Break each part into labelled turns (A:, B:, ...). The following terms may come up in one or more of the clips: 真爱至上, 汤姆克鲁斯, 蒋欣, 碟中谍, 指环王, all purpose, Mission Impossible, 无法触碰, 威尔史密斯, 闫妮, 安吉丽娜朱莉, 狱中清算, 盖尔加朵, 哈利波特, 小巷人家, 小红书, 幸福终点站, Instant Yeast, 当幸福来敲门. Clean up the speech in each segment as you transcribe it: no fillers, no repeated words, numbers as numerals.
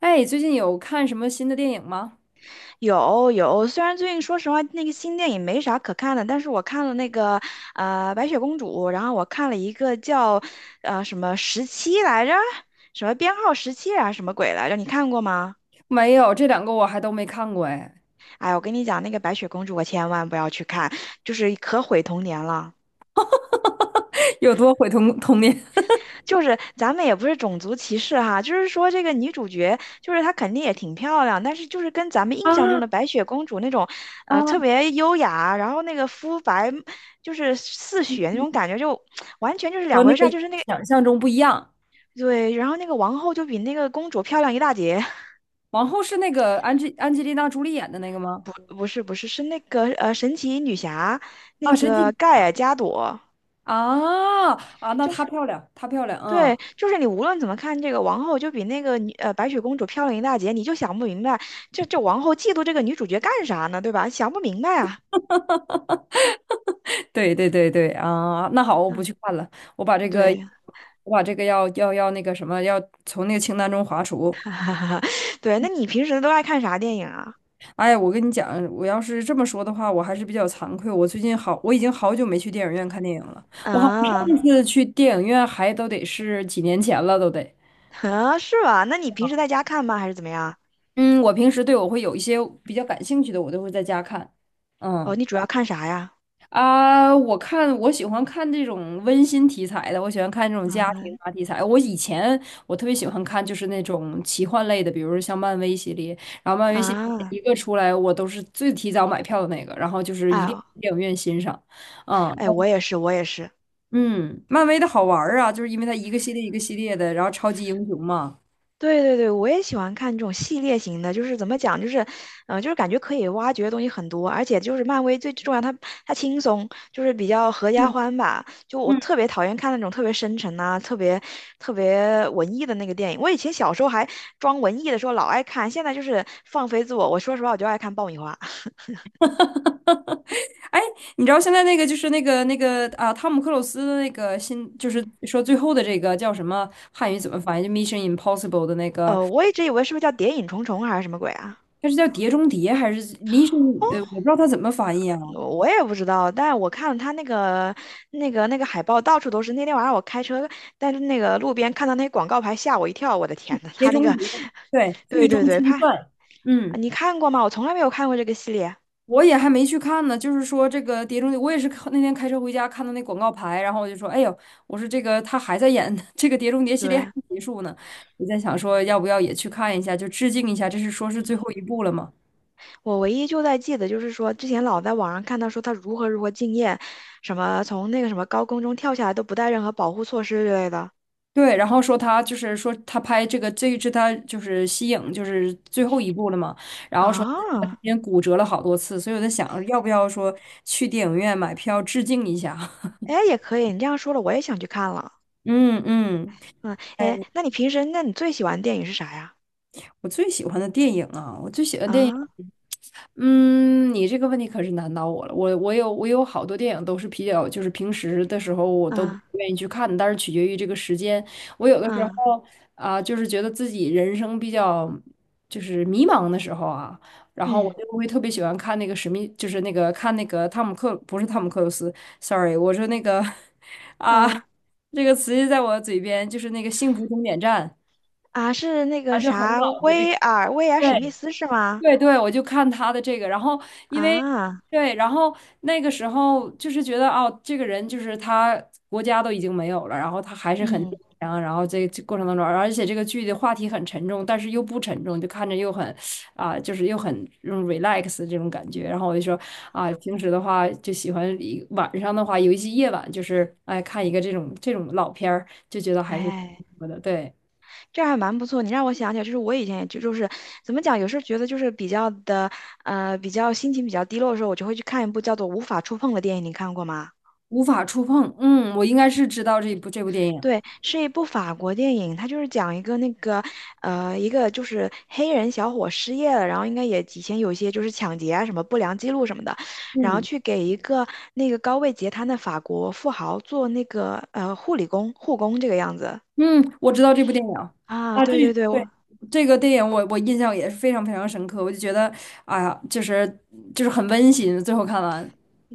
A: 哎，最近有看什么新的电影吗？
B: 有有，虽然最近说实话那个新电影没啥可看的，但是我看了那个白雪公主，然后我看了一个叫什么十七来着，什么编号十七啊，什么鬼来着？你看过吗？
A: 没有，这两个我还都没看过哎，
B: 哎，我跟你讲，那个白雪公主我千万不要去看，就是可毁童年了。
A: 有多毁童年。
B: 就是咱们也不是种族歧视哈，就是说这个女主角，就是她肯定也挺漂亮，但是就是 跟咱们印象
A: 啊
B: 中的白雪公主那种，
A: 啊，
B: 特别优雅，然后那个肤白，就是似
A: 嗯
B: 雪那
A: 嗯，
B: 种感觉，就完全就是
A: 和
B: 两
A: 那
B: 回事
A: 个
B: 儿。就是那个
A: 想象中不一样。
B: 对，然后那个王后就比那个公主漂亮一大截。
A: 王后是那个安吉丽娜朱莉演的那个吗？
B: 不是不是，是那个神奇女侠，
A: 啊，
B: 那
A: 神奇
B: 个盖尔加朵。
A: 啊啊，那她漂亮，她漂亮，嗯，
B: 对，就是你无论怎么看这个王后，就比那个白雪公主漂亮一大截，你就想不明白，这王后嫉妒这个女主角干啥呢？对吧？想不明白啊。
A: 对对对对啊，那好，我不
B: 嗯，
A: 去看了，我把这个，
B: 对，
A: 我把这个要那个什么，要从那个清单中划除。
B: 对，那你平时都爱看啥电影啊？
A: 哎呀，我跟你讲，我要是这么说的话，我还是比较惭愧。我已经好久没去电影院看电影了。我好像
B: 啊
A: 上次去电影院还都得是几年前了，都得。
B: 啊，是吧？那你平时在家看吗？还是怎么样？
A: 嗯，我平时，对，我会有一些比较感兴趣的，我都会在家看。
B: 哦，
A: 嗯。
B: 你主要看啥呀？
A: 啊，我喜欢看这种温馨题材的，我喜欢看这种家
B: 啊
A: 庭啊题材。我以前我特别喜欢看就是那种奇幻类的，比如说像漫威系列，然后漫威系列
B: 啊，
A: 一个出来，我都是最提早买票的那个，然后就是
B: 哎
A: 一定
B: 呦，
A: 去电影院欣赏。嗯
B: 哎，我也是，我也是。
A: 嗯，漫威的好玩儿啊，就是因为它一个系列一个系列的，然后超级英雄嘛。
B: 对对对，我也喜欢看这种系列型的，就是怎么讲，就是，嗯、就是感觉可以挖掘的东西很多，而且就是漫威最重要，它轻松，就是比较合家
A: 嗯
B: 欢吧。就我
A: 嗯，
B: 特别讨厌看那种特别深沉啊、特别文艺的那个电影。我以前小时候还装文艺的时候老爱看，现在就是放飞自我。我说实话，我就爱看爆米花。
A: 哎，你知道现在那个就是那个啊，汤姆克鲁斯的那个新，就是说最后的这个叫什么汉语怎么翻译？就《Mission Impossible》的那个，
B: 我一直以为是不是叫《谍影重重》还是什么鬼啊？
A: 它是叫《碟中谍》还是《Mission》？我不知道它怎么翻译啊，
B: 我也不知道，但我看了他那个海报，到处都是。那天晚上我开车，但是那个路边看到那广告牌，吓我一跳。我的天呐，
A: 《碟
B: 他那
A: 中
B: 个，
A: 谍》对，
B: 对
A: 《狱
B: 对
A: 中
B: 对，
A: 清
B: 怕啊，
A: 算》。嗯，
B: 你看过吗？我从来没有看过这个系列。
A: 我也还没去看呢。就是说这个《碟中谍》，我也是看那天开车回家看到那广告牌，然后我就说，哎呦，我说这个他还在演 这个《碟中谍》系列还
B: 对，
A: 没结束呢。我在想说，要不要也去看一下，就致敬一下，这是说是最后一部了嘛？
B: 我唯一就在记得就是说，之前老在网上看到说他如何如何敬业，什么从那个什么高空中跳下来都不带任何保护措施之类的
A: 对，然后说他就是说他拍这个这一支他就是息影就是最后一部了嘛，然后说他中
B: 啊。
A: 间骨折了好多次，所以我在想要不要说去电影院买票致敬一下？
B: 哎，也可以，你这样说了，我也想去看了。
A: 嗯嗯，
B: 嗯，
A: 哎。
B: 哎，那你平时，那你最喜欢的电影是啥呀？
A: 我最喜欢的电影啊，我最喜欢电影，
B: 啊
A: 嗯，你这个问题可是难倒我了。我有好多电影都是比较，就是平时的时候我都不
B: 啊。
A: 愿意去看的，但是取决于这个时间。我有的时
B: 啊，
A: 候啊，就是觉得自己人生比较就是迷茫的时候啊，然后我
B: 嗯，
A: 就会特别喜欢看那个史密，就是那个看那个汤姆克，不是汤姆克鲁斯，sorry，我说那个 啊，
B: 啊
A: 这个词就在我嘴边，就是那个《幸福终点站》
B: 啊，是那
A: 啊，
B: 个
A: 就很
B: 啥，
A: 老的这个。
B: 威尔史密
A: 对，
B: 斯是吗？
A: 对对，我就看他的这个，然后因为
B: 啊，
A: 对，然后那个时候就是觉得哦，这个人就是他国家都已经没有了，然后他还是很
B: 嗯，
A: 坚强，然后这过程当中，而且这个剧的话题很沉重，但是又不沉重，就看着又很啊、就是又很这种 relax 这种感觉。然后我就说啊，平时的话就喜欢一晚上的话，尤其夜晚，就是哎看一个这种老片儿，就觉得还是
B: 哎，
A: 不错的，对，
B: 这还蛮不错。你让我想起来，就是我以前也就是怎么讲，有时候觉得就是比较的比较心情比较低落的时候，我就会去看一部叫做《无法触碰》的电影，你看过吗？
A: 无法触碰。嗯，我应该是知道这部电影。
B: 对，是一部法国电影，它就是讲一个那个，一个就是黑人小伙失业了，然后应该也以前有一些就是抢劫啊什么不良记录什么的，然后
A: 嗯。
B: 去给一个那个高位截瘫的法国富豪做那个护工这个样子
A: 嗯，我知道这部电影。
B: 啊，
A: 啊，这
B: 对对对，
A: 对，
B: 我
A: 这个电影我印象也是非常非常深刻，我就觉得，哎呀，就是很温馨。最后看完，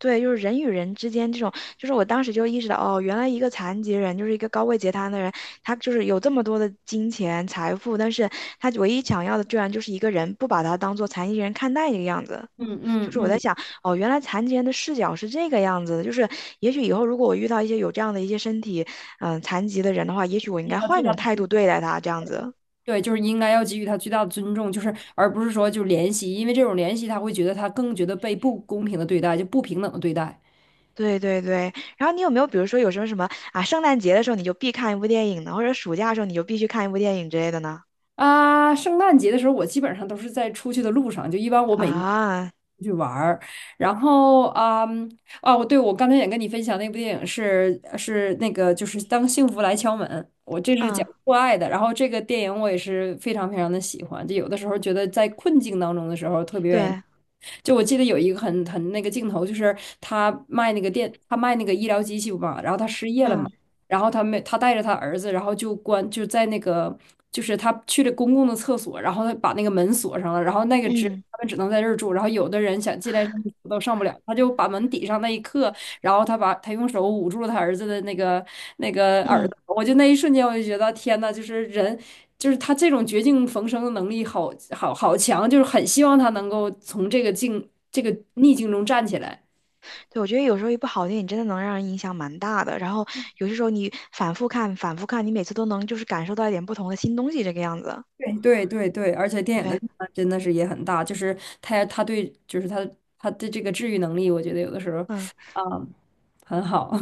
B: 对就是人与人之间这种，就是我当时就意识到哦，原来一个残疾人就是一个高位截瘫的人，他就是有这么多的金钱财富，但是他唯一想要的居然就是一个人不把他当做残疾人看待这个样子。
A: 嗯
B: 就
A: 嗯
B: 是我在
A: 嗯，
B: 想，哦，原来残疾人的视角是这个样子的。就是也许以后如果我遇到一些有这样的一些身体，残疾的人的话，也许我应
A: 那
B: 该
A: 他
B: 换
A: 最
B: 一
A: 大
B: 种
A: 的
B: 态
A: 尊
B: 度对待他，这样子。
A: 对，就是应该要给予他最大的尊重，就是而不是说就怜惜，因为这种怜惜他会觉得他更觉得被不公平的对待，就不平等的对待。
B: 对对对。然后你有没有，比如说有什么什么啊，圣诞节的时候你就必看一部电影呢，或者暑假的时候你就必须看一部电影之类的呢？
A: 啊，圣诞节的时候，我基本上都是在出去的路上，就一般我每年
B: 啊，
A: 出去玩儿。然后啊，嗯，哦，我对，我刚才也跟你分享那部电影是那个就是《当幸福来敲门》，我这是讲
B: 嗯，
A: 父爱的。然后这个电影我也是非常非常的喜欢，就有的时候觉得在困境当中的时候特别愿意。
B: 对，
A: 就我记得有一个很那个镜头，就是他卖那个医疗机器嘛，然后他失业了嘛。
B: 嗯
A: 然后他没，他带着他儿子，然后就在那个就是他去了公共的厕所，然后他把那个门锁上了，然后那个只
B: 嗯。
A: 他们只能在这儿住，然后有的人想进来上厕所都上不了，他就把门抵上那一刻，然后他把他用手捂住了他儿子的那个耳
B: 嗯，
A: 朵，我就那一瞬间我就觉得天呐，就是人。就是他这种绝境逢生的能力好强，就是很希望他能够从这个境这个逆境中站起来。
B: 对，我觉得有时候一部好电影真的能让人影响蛮大的。然后有些时候你反复看、反复看，你每次都能就是感受到一点不同的新东西，这个样子。
A: 对对对对，而且电影的
B: 对，
A: 力量真的是也很大，就是他对就是他的这个治愈能力，我觉得有的时候
B: 嗯。
A: 啊、很好。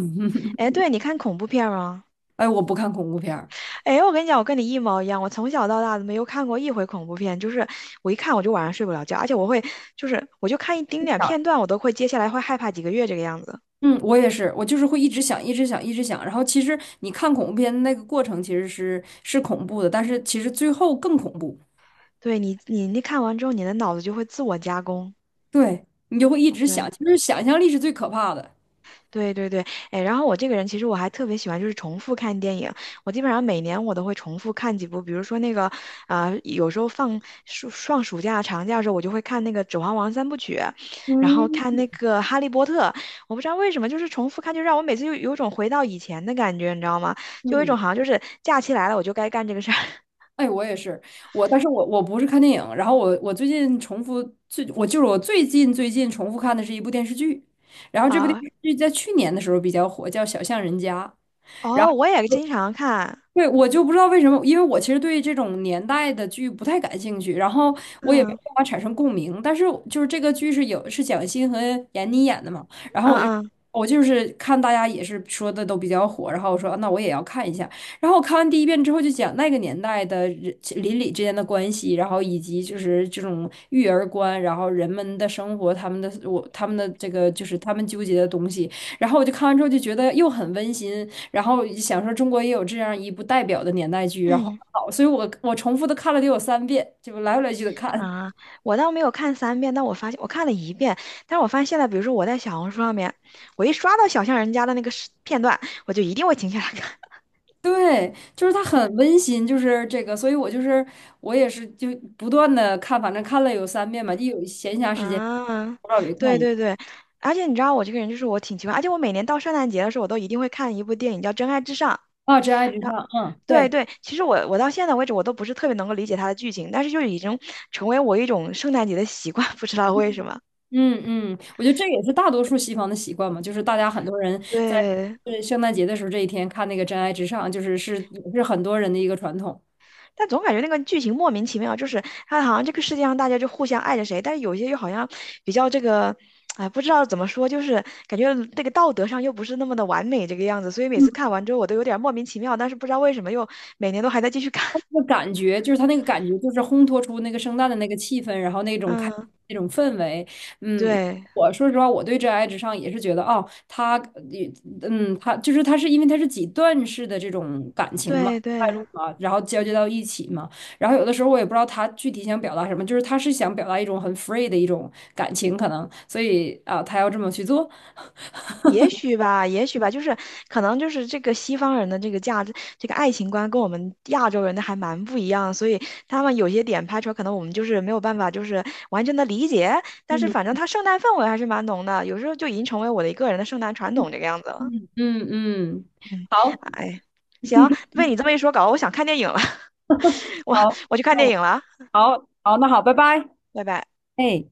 B: 哎，对，你看恐怖片吗？
A: 哎，我不看恐怖片儿。
B: 哎，我跟你讲，我跟你一毛一样，我从小到大都没有看过一回恐怖片，就是我一看我就晚上睡不了觉，而且我会就是我就看一丁
A: 是
B: 点
A: 的，
B: 片段，我都会接下来会害怕几个月这个样子。
A: 嗯，我也是，我就是会一直想，一直想，一直想。然后其实你看恐怖片的那个过程其实是恐怖的，但是其实最后更恐怖。
B: 对你，你看完之后，你的脑子就会自我加工。
A: 对，你就会一直想，
B: 对。
A: 其实想象力是最可怕的。
B: 对对对，哎，然后我这个人其实我还特别喜欢就是重复看电影，我基本上每年我都会重复看几部，比如说那个，啊，有时候放暑假、长假的时候，我就会看那个《指环王》三部曲，然后看那个《哈利波特》，我不知道为什么就是重复看，就让我每次就有种回到以前的感觉，你知道吗？就有一
A: 嗯。
B: 种好像就是假期来了我就该干这个事儿
A: 哎，我也是，但是我不是看电影，然后我最近重复我就是我最近重复看的是一部电视剧，然后 这部电
B: 啊。
A: 视剧在去年的时候比较火，叫《小巷人家》。然
B: 哦，我
A: 后。
B: 也经常看，
A: 对，我就不知道为什么，因为我其实对这种年代的剧不太感兴趣，然后我也没
B: 嗯
A: 办法产生共鸣。但是就是这个剧是蒋欣和闫妮演的嘛，然后
B: 嗯嗯
A: 我就是看大家也是说的都比较火，然后我说啊那我也要看一下。然后我看完第一遍之后，就讲那个年代的人邻里之间的关系，然后以及就是这种育儿观，然后人们的生活，他们的这个就是他们纠结的东西。然后我就看完之后就觉得又很温馨。然后想说中国也有这样一部代表的年代剧，然后
B: 嗯。
A: 好，所以我重复的看了得有三遍，就来回来去的看。
B: 啊，我倒没有看3遍，但我发现我看了一遍，但是我发现现在，比如说我在小红书上面，我一刷到小巷人家的那个视片段，我就一定会停下来看。
A: 对，就是它很温馨，就是这个，所以我就是我也是就不断的看，反正看了有三遍吧，一有闲 暇时间，
B: 啊，
A: 不知道有看
B: 对
A: 一遍
B: 对对，而且你知道我这个人就是我挺奇怪，而且我每年到圣诞节的时候，我都一定会看一部电影叫《真爱至上》。
A: 啊，《真爱至上》，
B: 然后
A: 嗯，
B: 对
A: 对。
B: 对，其实我到现在为止我都不是特别能够理解它的剧情，但是就已经成为我一种圣诞节的习惯，不知道为什么。
A: 嗯嗯，我觉得这也是大多数西方的习惯嘛，就是大家很多人在
B: 对，
A: 圣诞节的时候这一天看那个《真爱至上》，就是也是很多人的一个传统。
B: 但总感觉那个剧情莫名其妙，就是它好像这个世界上大家就互相爱着谁，但是有些又好像比较这个，哎，不知道怎么说，就是感觉那个道德上又不是那么的完美这个样子，所以每次看完之后我都有点莫名其妙，但是不知道为什么又每年都还在继续看。
A: 那 感觉就是他那个感觉，就是烘托出那个圣诞的那个气氛，然后
B: 嗯，
A: 那种氛围。嗯，我
B: 对
A: 我说实话，我对《真爱至上》也是觉得，哦，他，也他是因为他是几段式的这种感情嘛，
B: 对
A: 带
B: 对。
A: 入嘛，然后交接到一起嘛。然后有的时候我也不知道他具体想表达什么，就是他是想表达一种很 free 的一种感情，可能，所以啊，他要这么去做。
B: 也许吧，也许吧，就是可能就是这个西方人的这个价值，这个爱情观跟我们亚洲人的还蛮不一样，所以他们有些点拍出来，可能我们就是没有办法就是完全的理解，但是反正
A: 嗯
B: 他圣诞氛围还是蛮浓的，有时候就已经成为我的一个人的圣诞传统这个样子了。
A: 嗯嗯嗯，
B: 嗯，
A: 好
B: 哎，行，被你这么一说搞得我想看电影了，我
A: 好，
B: 我去看
A: 那
B: 电
A: 我
B: 影了，
A: 好好，那好，拜拜。
B: 拜拜。
A: 哎。